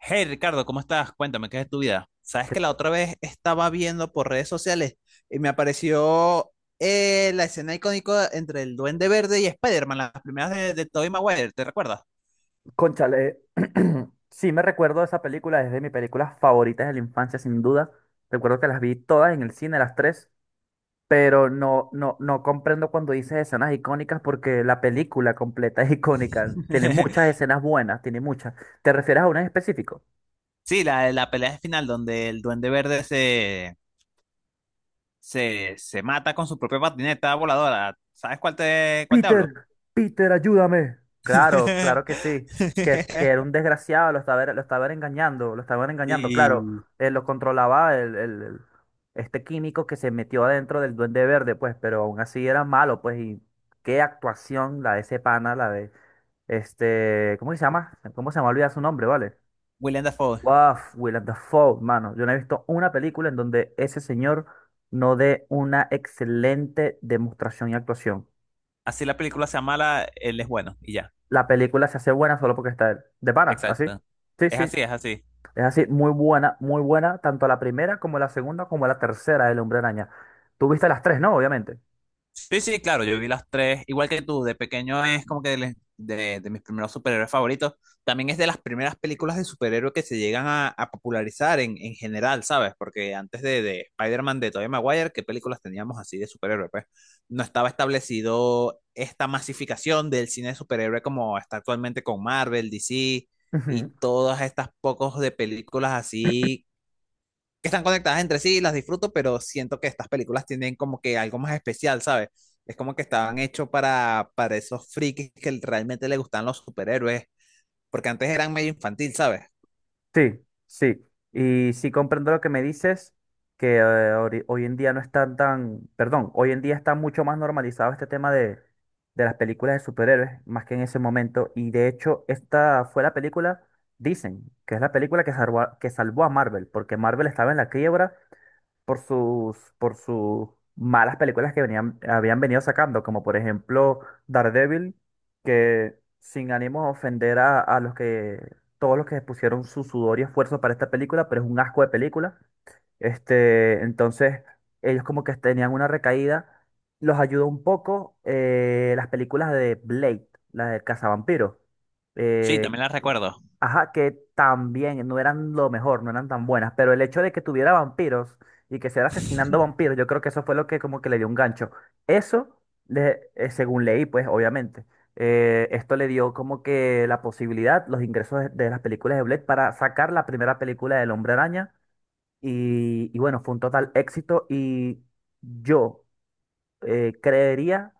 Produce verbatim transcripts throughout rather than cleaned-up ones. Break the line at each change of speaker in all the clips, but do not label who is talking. Hey Ricardo, ¿cómo estás? Cuéntame, ¿qué es de tu vida? Sabes que la otra vez estaba viendo por redes sociales y me apareció eh, la escena icónica entre el Duende Verde y Spider-Man, las primeras de, de Tobey Maguire, ¿te recuerdas?
Cónchale, sí me recuerdo esa película, es de mis películas favoritas de la infancia, sin duda. Recuerdo que las vi todas en el cine, las tres, pero no, no, no comprendo cuando dices escenas icónicas porque la película completa es icónica. Tiene muchas escenas buenas, tiene muchas. ¿Te refieres a una en específico?
Sí, la, la pelea final donde el Duende Verde se, se, se mata con su propia patineta voladora. ¿Sabes cuál te, cuál te hablo?
Peter, Peter, ayúdame. Claro, claro que sí, que, que era un desgraciado, lo estaba, lo estaba engañando, lo estaban engañando, claro,
Y
eh, lo controlaba el, el- el- este químico que se metió adentro del Duende Verde, pues, pero aún así era malo, pues, y qué actuación la de ese pana, la de, este, ¿cómo que se llama? ¿Cómo se llama? Olvida su nombre, ¿vale?
Willem Dafoe.
Wow, Willem Dafoe, mano, yo no he visto una película en donde ese señor no dé una excelente demostración y actuación.
Así la película se llama la- Él es bueno y ya.
La película se hace buena solo porque está él. De pana, así.
Exacto.
Sí,
Es
sí.
así, es así.
Es así, muy buena, muy buena, tanto la primera como la segunda como la tercera del Hombre Araña. Tú viste las tres, ¿no? Obviamente.
Sí, sí, claro, yo vi las tres, igual que tú, de pequeño es como que de, de- de mis primeros superhéroes favoritos. También es de las primeras películas de superhéroes que se llegan a, a popularizar en, en general, ¿sabes? Porque antes de, de Spider-Man de Tobey Maguire, ¿qué películas teníamos así de superhéroes? Pues no estaba establecido esta masificación del cine de superhéroe como está actualmente con Marvel, D C
Ujú.
y todas estas pocos de películas así que están conectadas entre sí, las disfruto, pero siento que estas películas tienen como que algo más especial, ¿sabes? Es como que estaban hechos para, para esos frikis que realmente le gustan los superhéroes, porque antes eran medio infantil, ¿sabes?
Sí, sí. Y sí comprendo lo que me dices, que eh, ori- hoy en día no están tan, perdón, hoy en día está mucho más normalizado este tema de, de las películas de superhéroes, más que en ese momento. Y de hecho, esta fue la película, dicen, que es la película que salvó, a- que salvó a Marvel, porque Marvel estaba en la quiebra por sus, por sus malas películas que venían, habían venido sacando, como por ejemplo Daredevil, que sin ánimo a ofender a, a los que, todos los que pusieron su sudor y esfuerzo para esta película, pero es un asco de película. Este, entonces, ellos como que tenían una recaída, los ayudó un poco eh, las películas de Blade, la del cazavampiros.
Sí,
eh,
también las recuerdo.
Ajá, que también no eran lo mejor, no eran tan buenas, pero el hecho de que tuviera vampiros y que se era asesinando vampiros, yo creo que eso fue lo que como que le dio un gancho. Eso, le- eh, según leí, pues obviamente, eh, esto le dio como que la posibilidad, los ingresos de, de las películas de Blade para sacar la primera película del Hombre Araña y, y bueno, fue un total éxito y yo eh, creería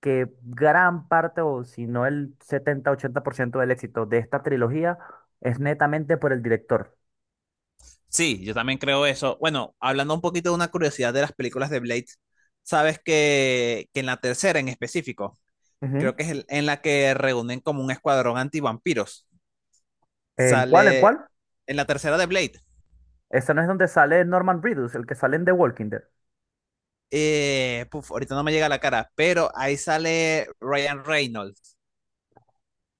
que gran parte, o si no el setenta ochenta por ciento del éxito de esta trilogía, es netamente por el director.
Sí, yo también creo eso. Bueno, hablando un poquito de una curiosidad de las películas de Blade, sabes que, que en la tercera en específico, creo
Ujú.
que es el- en la que reúnen como un escuadrón antivampiros,
¿En cuál? ¿En
sale
cuál?
en la tercera de Blade,
Esta no es donde sale Norman Reedus, el que sale en The Walking Dead.
eh, puf, ahorita no me llega a la cara, pero ahí sale Ryan Reynolds.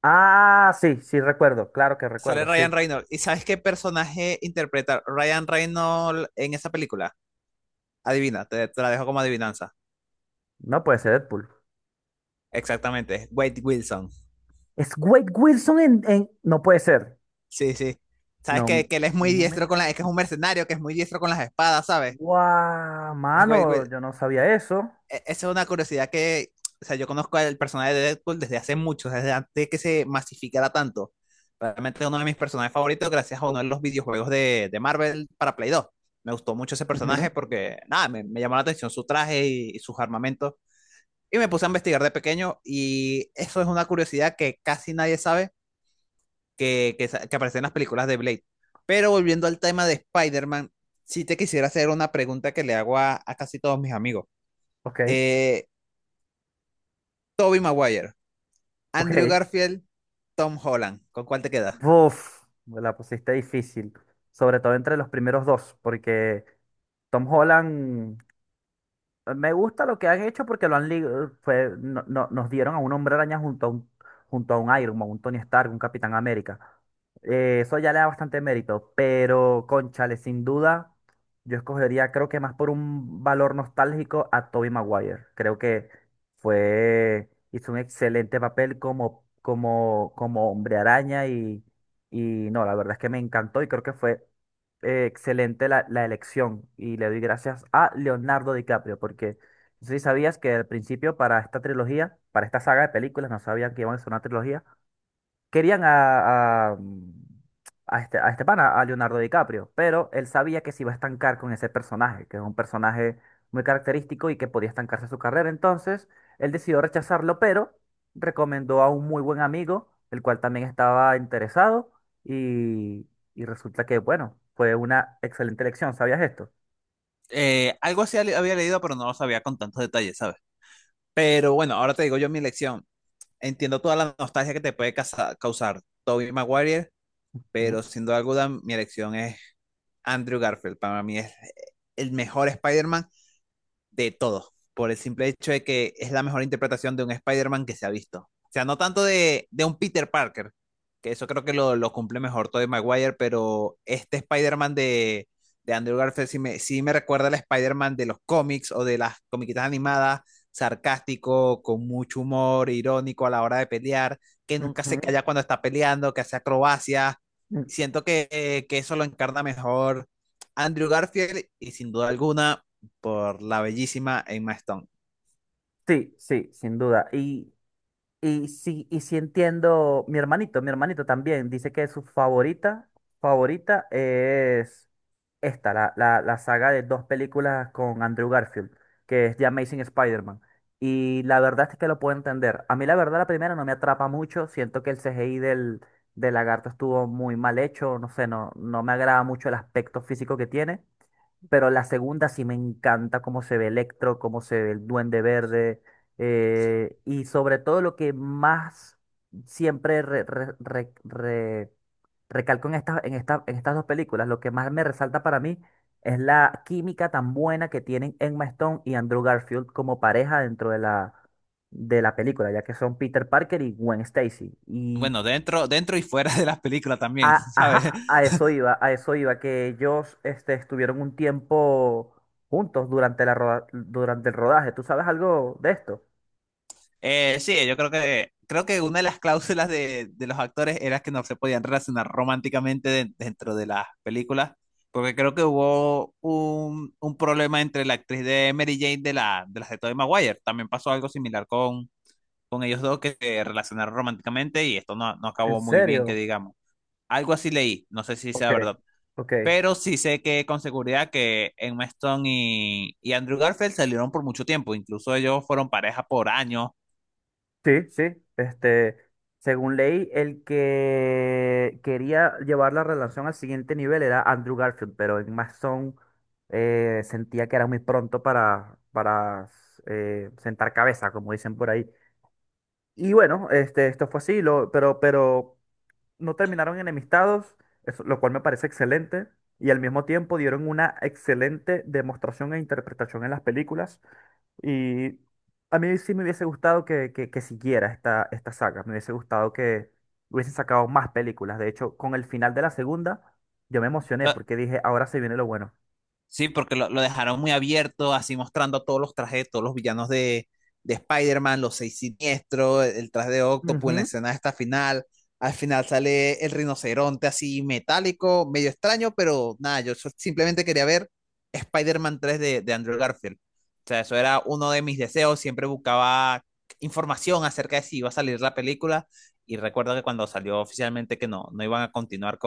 Ah, sí, sí, recuerdo, claro que
Sale
recuerdo,
Ryan
sí.
Reynolds. ¿Y sabes qué personaje interpreta Ryan Reynolds en esa película? Adivina, te, te la dejo como adivinanza.
No puede ser Deadpool.
Exactamente, Wade Wilson.
Es Wade Wilson en, en- No puede ser.
Sí, sí. ¿Sabes
No,
que, que él es muy
no me...
diestro con la... Es que es un mercenario que es muy diestro con las espadas, ¿sabes?
¡Guau!
Es Wade
Mano,
Wil-
yo no sabía eso.
e- esa es una curiosidad que, o sea, yo conozco al personaje de Deadpool desde hace mucho, desde antes que se masificara tanto. Realmente es uno de mis personajes favoritos gracias a uno de los videojuegos de, de Marvel para Play dos. Me gustó mucho ese
Ujú.
personaje porque, nada, me, me llamó la atención su traje y, y sus armamentos. Y me puse a investigar de pequeño y eso es una curiosidad que casi nadie sabe que, que, que aparece en las películas de Blade. Pero volviendo al tema de Spider-Man, sí te quisiera hacer una pregunta que le hago a, a casi todos mis amigos.
Ok.
Eh, Tobey Maguire, Andrew
Ok.
Garfield, Tom Holland. ¿Con cuál te quedas?
Uf, me la pusiste difícil, sobre todo entre los primeros dos, porque Tom Holland me gusta lo que han hecho porque lo han li- fue, no- no- nos dieron a un Hombre Araña junto a un, junto a un Iron Man, un Tony Stark, un Capitán América. Eh, eso ya le da bastante mérito, pero cónchale, sin duda, yo escogería, creo que más por un valor nostálgico, a Tobey Maguire. Creo que fue, hizo un excelente papel como, como, como Hombre Araña y, y no, la verdad es que me encantó y creo que fue eh, excelente la, la elección y le doy gracias a Leonardo DiCaprio, porque no sé si sabías que al principio para esta trilogía, para esta saga de películas, no sabían que iban a ser una trilogía, querían a, a, a este, a este pana, a Leonardo DiCaprio, pero él sabía que se iba a estancar con ese personaje, que es un personaje muy característico y que podía estancarse su carrera. Entonces, él decidió rechazarlo, pero recomendó a un muy buen amigo, el cual también estaba interesado, y, y resulta que, bueno, fue una excelente elección. ¿Sabías esto?
Eh, algo así había leído, pero no lo sabía con tantos detalles, ¿sabes? Pero bueno, ahora te digo yo mi elección. Entiendo toda la nostalgia que te puede casa- causar Tobey Maguire,
Ujú,
pero sin duda alguna mi elección es Andrew Garfield. Para mí es el mejor Spider-Man de todo, por el simple hecho de que es la mejor interpretación de un Spider-Man que se ha visto. O sea, no tanto de, de un Peter Parker, que eso creo que lo, lo cumple mejor Tobey Maguire, pero este Spider-Man de, de Andrew Garfield sí me, sí me recuerda al Spider-Man de los cómics o de las comiquitas animadas, sarcástico, con mucho humor, irónico a la hora de pelear, que nunca se
ujú.
calla cuando está peleando, que hace acrobacias.
Mm,
Siento que, eh, que eso lo encarna mejor Andrew Garfield y sin duda alguna por la bellísima Emma Stone.
Sí, sí, sin duda. Y y sí, y sí entiendo, mi hermanito, mi hermanito también dice que su favorita, favorita es esta, la, la, la saga de dos películas con Andrew Garfield, que es The Amazing Spider-Man. Y la verdad es que lo puedo entender. A mí la verdad la primera no me atrapa mucho, siento que el C G I del, del lagarto estuvo muy mal hecho, no sé, no, no me agrada mucho el aspecto físico que tiene. Pero la segunda sí me encanta cómo se ve Electro, cómo se ve el Duende Verde eh, y sobre todo lo que más siempre re- re- re- re- recalco en estas, en esta- en estas dos películas, lo que más me resalta para mí es la química tan buena que tienen Emma Stone y Andrew Garfield como pareja dentro de la, de la película, ya que son Peter Parker y Gwen Stacy. Y
Bueno, dentro, dentro y fuera de las películas también,
a,
¿sabes?
ajá, a eso iba, a eso iba, que ellos este, estuvieron un tiempo juntos durante la roda- durante el rodaje. ¿Tú sabes algo de esto?
Eh, sí, yo creo que, creo que una de las cláusulas de, de los actores era que no se podían relacionar románticamente de- dentro de las películas, porque creo que hubo un, un problema entre la actriz de Mary Jane de, la, de las de Tobey Maguire. También pasó algo similar con, con ellos dos que se relacionaron románticamente y esto no, no
¿En
acabó muy bien, que
serio?
digamos. Algo así leí, no sé si
Ok,
sea verdad.
ok.
Pero sí sé que con seguridad que Emma Stone y, y Andrew Garfield salieron por mucho tiempo. Incluso ellos fueron pareja por años.
Sí, sí. Este, según leí, el que quería llevar la relación al siguiente nivel era Andrew Garfield, pero en Mason eh, sentía que era muy pronto para, para eh, sentar cabeza, como dicen por ahí. Y bueno, este, esto fue así, lo, pero, pero no terminaron enemistados, eso- lo cual me parece excelente, y al mismo tiempo dieron una excelente demostración e interpretación en las películas. Y a mí sí me hubiese gustado que, que, que siguiera esta, esta saga, me hubiese gustado que hubiesen sacado más películas. De hecho, con el final de la segunda, yo me emocioné
Lo-
porque dije, ahora se viene lo bueno.
Sí, porque lo, lo dejaron muy abierto, así mostrando a todos los trajes, todos los villanos de, de Spider-Man, los seis siniestros, el, el traje de Octopus en la
Ujú.
escena de esta final. Al final sale el rinoceronte así metálico, medio extraño, pero nada, yo so- simplemente quería ver Spider-Man tres de, de Andrew Garfield. O sea, eso era uno de mis deseos, siempre buscaba información acerca de si iba a salir la película y recuerdo que cuando salió oficialmente que no, no iban a continuar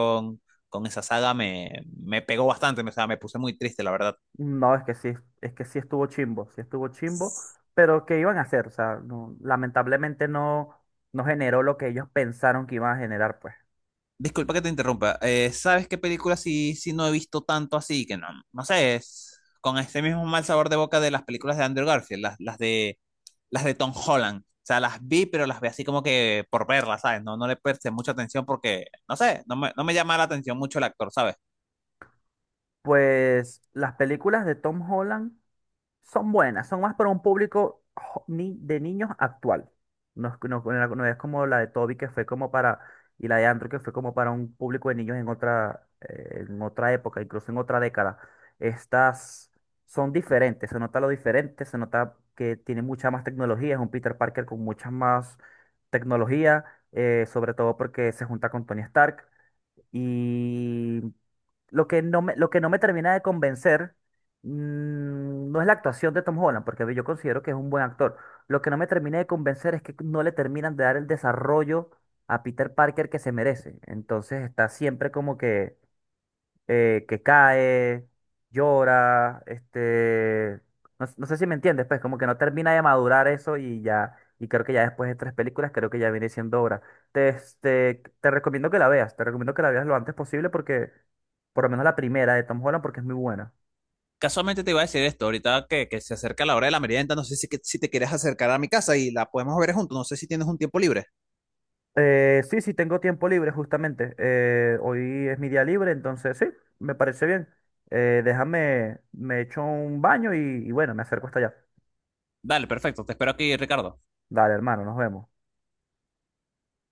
con esa saga me, me pegó bastante, me, o sea, me puse muy triste, la verdad.
No, es que sí, es que sí estuvo chimbo, sí estuvo chimbo, pero ¿qué iban a hacer? O sea, no- lamentablemente no, no generó lo que ellos pensaron que iban a generar, pues.
Disculpa que te interrumpa, eh, ¿sabes qué película sí, sí no he visto tanto así? Que no, no sé, es con ese mismo mal sabor de boca de las películas de Andrew Garfield, las, las de, las de Tom Holland. O sea, las vi, pero las vi así como que por verlas, ¿sabes? No, no le presté mucha atención porque, no sé, no me, no me llama la atención mucho el actor, ¿sabes?
Pues las películas de Tom Holland son buenas, son más para un público jo- ni- de niños actual. No es, no- no- no es como la de Toby que fue como para, y la de Andrew que fue como para un público de niños en otra, eh, en otra época, incluso en otra década. Estas son diferentes, se nota lo diferente, se nota que tiene mucha más tecnología, es un Peter Parker con mucha más tecnología, eh, sobre todo porque se junta con Tony Stark. Y lo que no me, lo que no me termina de convencer mm, no es la actuación de Tom Holland, porque yo considero que es un buen actor. Lo que no me termina de convencer es que no le terminan de dar el desarrollo a Peter Parker que se merece. Entonces está siempre como que eh, que cae, llora, este, no, no sé si me entiendes, pues como que no termina de madurar eso y ya, y creo que ya después de tres películas, creo que ya viene siendo hora. Te, este, te recomiendo que la veas, te recomiendo que la veas lo antes posible porque, por lo menos la primera de Tom Holland, porque es muy buena.
Casualmente te iba a decir esto, ahorita que, que se acerca la hora de la merienda, no sé si, que- si te quieres acercar a mi casa y la podemos ver juntos, no sé si tienes un tiempo libre.
Eh, sí, sí, tengo tiempo libre justamente. eh, hoy es mi día libre, entonces sí, me parece bien. Eh, déjame, me echo un baño y y bueno, me acerco hasta allá.
Dale, perfecto, te espero aquí, Ricardo.
Dale, hermano, nos vemos.